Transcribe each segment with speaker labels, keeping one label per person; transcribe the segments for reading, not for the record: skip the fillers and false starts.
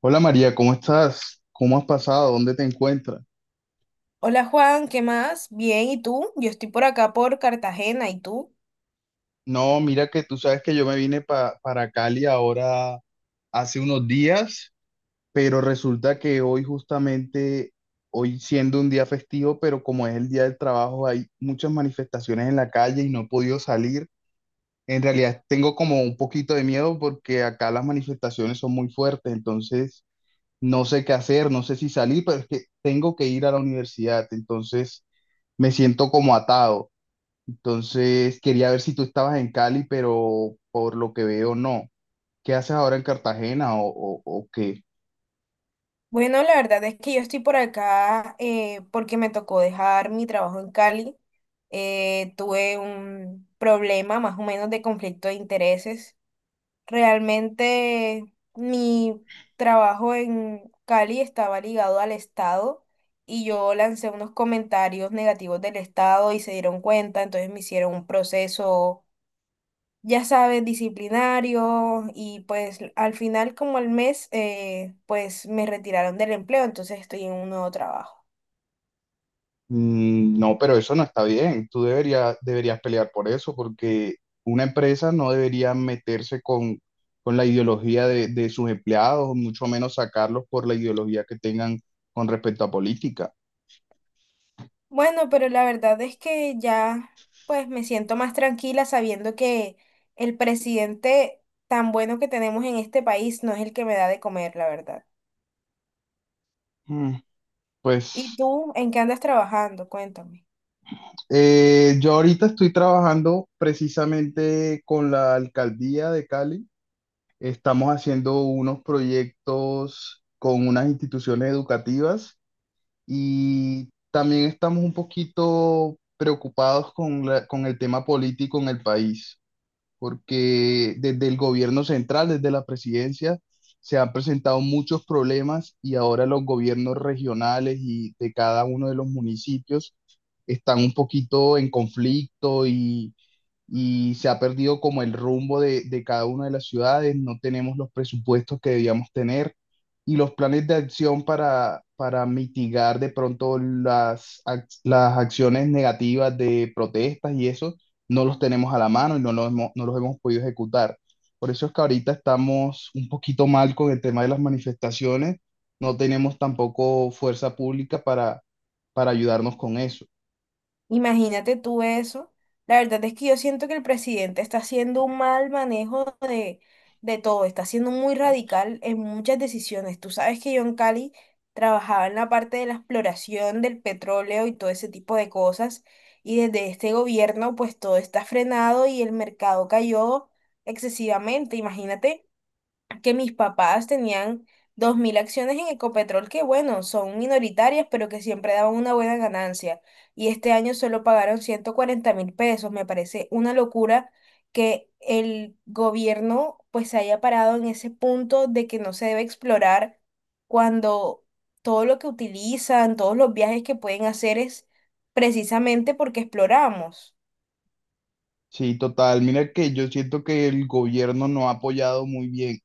Speaker 1: Hola María, ¿cómo estás? ¿Cómo has pasado? ¿Dónde te encuentras?
Speaker 2: Hola Juan, ¿qué más? Bien, ¿y tú? Yo estoy por acá por Cartagena, ¿y tú?
Speaker 1: No, mira que tú sabes que yo me vine para Cali ahora hace unos días, pero resulta que hoy justamente, hoy siendo un día festivo, pero como es el día del trabajo, hay muchas manifestaciones en la calle y no he podido salir. En realidad tengo como un poquito de miedo porque acá las manifestaciones son muy fuertes, entonces no sé qué hacer, no sé si salir, pero es que tengo que ir a la universidad, entonces me siento como atado. Entonces, quería ver si tú estabas en Cali, pero por lo que veo, no. ¿Qué haces ahora en Cartagena o, o qué?
Speaker 2: Bueno, la verdad es que yo estoy por acá porque me tocó dejar mi trabajo en Cali. Tuve un problema más o menos de conflicto de intereses. Realmente mi trabajo en Cali estaba ligado al Estado y yo lancé unos comentarios negativos del Estado y se dieron cuenta, entonces me hicieron un proceso, ya sabes, disciplinario, y pues al final como al mes, pues me retiraron del empleo, entonces estoy en un nuevo trabajo.
Speaker 1: Mm, no, pero eso no está bien. Tú deberías pelear por eso, porque una empresa no debería meterse con la ideología de sus empleados, mucho menos sacarlos por la ideología que tengan con respecto a política.
Speaker 2: Bueno, pero la verdad es que ya pues me siento más tranquila sabiendo que el presidente tan bueno que tenemos en este país no es el que me da de comer, la verdad.
Speaker 1: Mm,
Speaker 2: ¿Y
Speaker 1: pues
Speaker 2: tú en qué andas trabajando? Cuéntame.
Speaker 1: yo ahorita estoy trabajando precisamente con la alcaldía de Cali. Estamos haciendo unos proyectos con unas instituciones educativas y también estamos un poquito preocupados con con el tema político en el país, porque desde el gobierno central, desde la presidencia, se han presentado muchos problemas y ahora los gobiernos regionales y de cada uno de los municipios están un poquito en conflicto y se ha perdido como el rumbo de cada una de las ciudades, no tenemos los presupuestos que debíamos tener y los planes de acción para mitigar de pronto las acciones negativas de protestas y eso, no los tenemos a la mano y no los hemos, no los hemos podido ejecutar. Por eso es que ahorita estamos un poquito mal con el tema de las manifestaciones, no tenemos tampoco fuerza pública para ayudarnos con eso.
Speaker 2: Imagínate tú eso. La verdad es que yo siento que el presidente está haciendo un mal manejo de todo, está siendo muy radical en muchas decisiones. Tú sabes que yo en Cali trabajaba en la parte de la exploración del petróleo y todo ese tipo de cosas, y desde este gobierno pues todo está frenado y el mercado cayó excesivamente. Imagínate que mis papás tenían 2.000 acciones en Ecopetrol, que bueno, son minoritarias, pero que siempre daban una buena ganancia. Y este año solo pagaron 140.000 pesos. Me parece una locura que el gobierno pues se haya parado en ese punto de que no se debe explorar cuando todo lo que utilizan, todos los viajes que pueden hacer es precisamente porque exploramos.
Speaker 1: Sí, total. Mira que yo siento que el gobierno no ha apoyado muy bien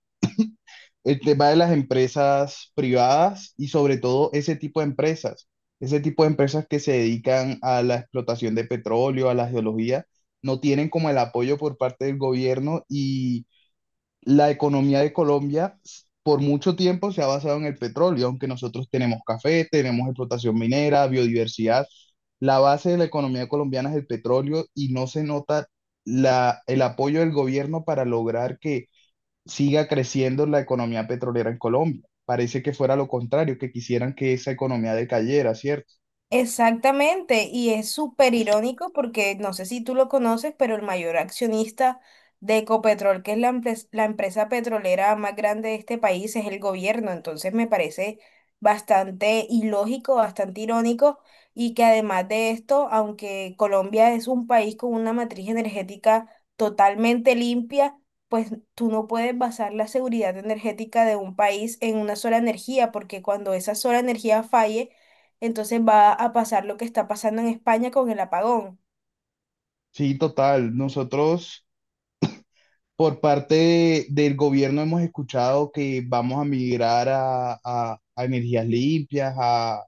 Speaker 1: el tema de las empresas privadas y sobre todo ese tipo de empresas, ese tipo de empresas que se dedican a la explotación de petróleo, a la geología, no tienen como el apoyo por parte del gobierno y la economía de Colombia por mucho tiempo se ha basado en el petróleo, aunque nosotros tenemos café, tenemos explotación minera, biodiversidad. La base de la economía colombiana es el petróleo y no se nota el apoyo del gobierno para lograr que siga creciendo la economía petrolera en Colombia. Parece que fuera lo contrario, que quisieran que esa economía decayera, ¿cierto?
Speaker 2: Exactamente, y es súper irónico porque no sé si tú lo conoces, pero el mayor accionista de Ecopetrol, que es la empresa petrolera más grande de este país, es el gobierno. Entonces me parece bastante ilógico, bastante irónico, y que además de esto, aunque Colombia es un país con una matriz energética totalmente limpia, pues tú no puedes basar la seguridad energética de un país en una sola energía, porque cuando esa sola energía falle, entonces va a pasar lo que está pasando en España con el apagón.
Speaker 1: Sí, total. Nosotros... Por parte del gobierno hemos escuchado que vamos a migrar a, a energías limpias, a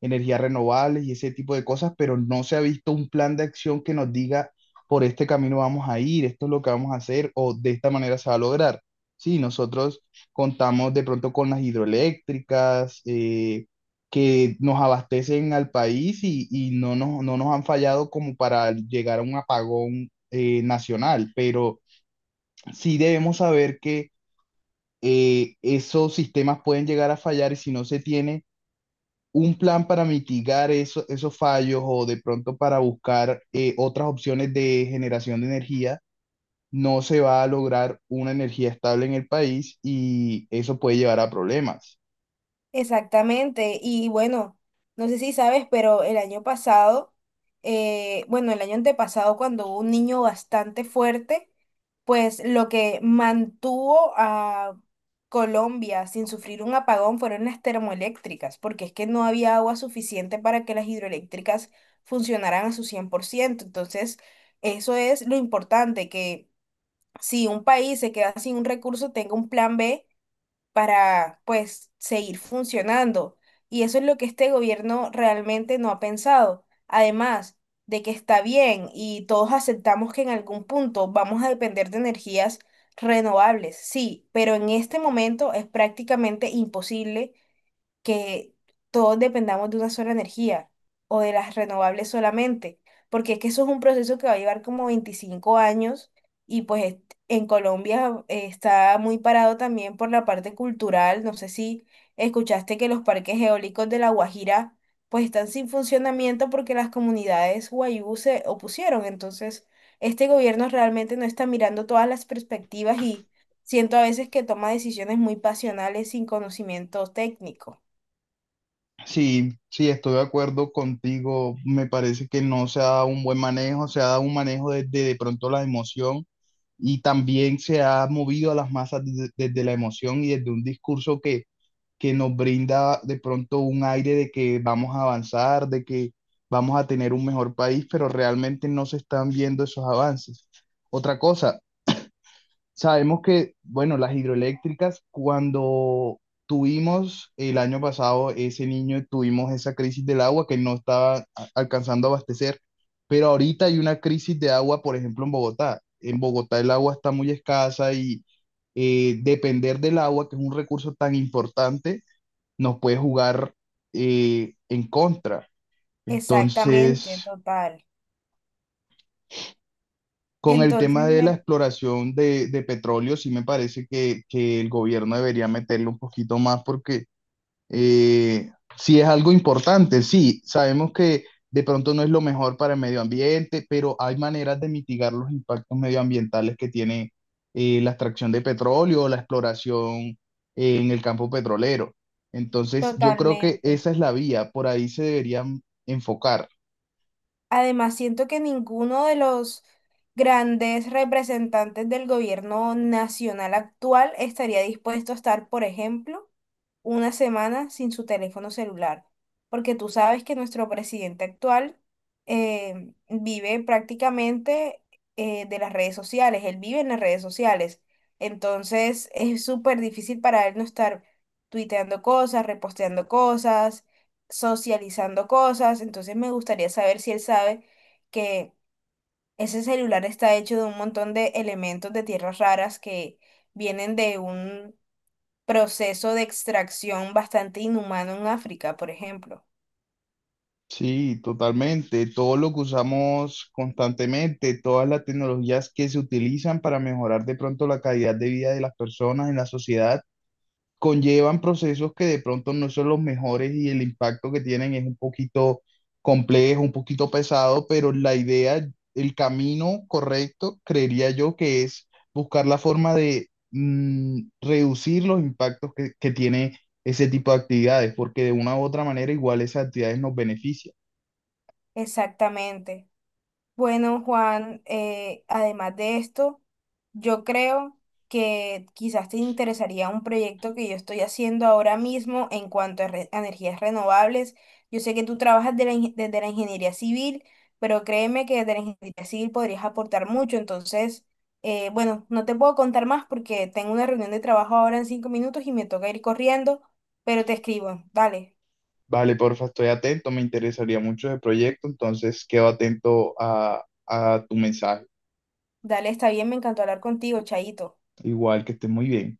Speaker 1: energías renovables y ese tipo de cosas, pero no se ha visto un plan de acción que nos diga por este camino vamos a ir, esto es lo que vamos a hacer o de esta manera se va a lograr. Sí, nosotros contamos de pronto con las hidroeléctricas, que nos abastecen al país y no nos, no nos han fallado como para llegar a un apagón nacional, pero sí debemos saber que esos sistemas pueden llegar a fallar y si no se tiene un plan para mitigar esos fallos o de pronto para buscar otras opciones de generación de energía, no se va a lograr una energía estable en el país y eso puede llevar a problemas.
Speaker 2: Exactamente. Y bueno, no sé si sabes, pero el año pasado, bueno, el año antepasado, cuando hubo un niño bastante fuerte, pues lo que mantuvo a Colombia sin sufrir un apagón fueron las termoeléctricas, porque es que no había agua suficiente para que las hidroeléctricas funcionaran a su 100%. Entonces, eso es lo importante, que si un país se queda sin un recurso, tenga un plan B para, pues, seguir funcionando. Y eso es lo que este gobierno realmente no ha pensado. Además de que está bien y todos aceptamos que en algún punto vamos a depender de energías renovables, sí, pero en este momento es prácticamente imposible que todos dependamos de una sola energía o de las renovables solamente, porque es que eso es un proceso que va a llevar como 25 años y pues en Colombia está muy parado también por la parte cultural. No sé si escuchaste que los parques eólicos de La Guajira pues están sin funcionamiento porque las comunidades guayú se opusieron. Entonces, este gobierno realmente no está mirando todas las perspectivas y siento a veces que toma decisiones muy pasionales sin conocimiento técnico.
Speaker 1: Sí, sí, estoy de acuerdo contigo. Me parece que no se ha dado un buen manejo, se ha dado un manejo desde de pronto la emoción y también se ha movido a las masas desde, desde la emoción y desde un discurso que nos brinda de pronto un aire de que vamos a avanzar, de que vamos a tener un mejor país, pero realmente no se están viendo esos avances. Otra cosa, sabemos que, bueno, las hidroeléctricas, cuando tuvimos el año pasado ese niño, tuvimos esa crisis del agua que no estaba alcanzando a abastecer, pero ahorita hay una crisis de agua, por ejemplo, en Bogotá. En Bogotá el agua está muy escasa y depender del agua, que es un recurso tan importante, nos puede jugar en contra. Entonces...
Speaker 2: Exactamente, total.
Speaker 1: Con el
Speaker 2: Entonces
Speaker 1: tema de la
Speaker 2: me,
Speaker 1: exploración de petróleo, sí me parece que el gobierno debería meterle un poquito más porque eh, sí es algo importante, sí, sabemos que de pronto no es lo mejor para el medio ambiente, pero hay maneras de mitigar los impactos medioambientales que tiene la extracción de petróleo o la exploración en el campo petrolero. Entonces, yo creo que
Speaker 2: totalmente.
Speaker 1: esa es la vía, por ahí se deberían enfocar.
Speaker 2: Además, siento que ninguno de los grandes representantes del gobierno nacional actual estaría dispuesto a estar, por ejemplo, una semana sin su teléfono celular, porque tú sabes que nuestro presidente actual vive prácticamente de las redes sociales, él vive en las redes sociales, entonces es súper difícil para él no estar tuiteando cosas, reposteando cosas, socializando cosas, entonces me gustaría saber si él sabe que ese celular está hecho de un montón de elementos de tierras raras que vienen de un proceso de extracción bastante inhumano en África, por ejemplo.
Speaker 1: Sí, totalmente. Todo lo que usamos constantemente, todas las tecnologías que se utilizan para mejorar de pronto la calidad de vida de las personas en la sociedad, conllevan procesos que de pronto no son los mejores y el impacto que tienen es un poquito complejo, un poquito pesado, pero la idea, el camino correcto, creería yo que es buscar la forma de reducir los impactos que tiene ese tipo de actividades, porque de una u otra manera igual esas actividades nos benefician.
Speaker 2: Exactamente. Bueno, Juan, además de esto, yo creo que quizás te interesaría un proyecto que yo estoy haciendo ahora mismo en cuanto a energías renovables. Yo sé que tú trabajas de la desde la ingeniería civil, pero créeme que desde la ingeniería civil podrías aportar mucho. Entonces, bueno, no te puedo contar más porque tengo una reunión de trabajo ahora en 5 minutos y me toca ir corriendo, pero te escribo. Dale,
Speaker 1: Vale, porfa, estoy atento, me interesaría mucho el proyecto, entonces quedo atento a tu mensaje.
Speaker 2: dale, está bien, me encantó hablar contigo, Chaito.
Speaker 1: Igual que estés muy bien.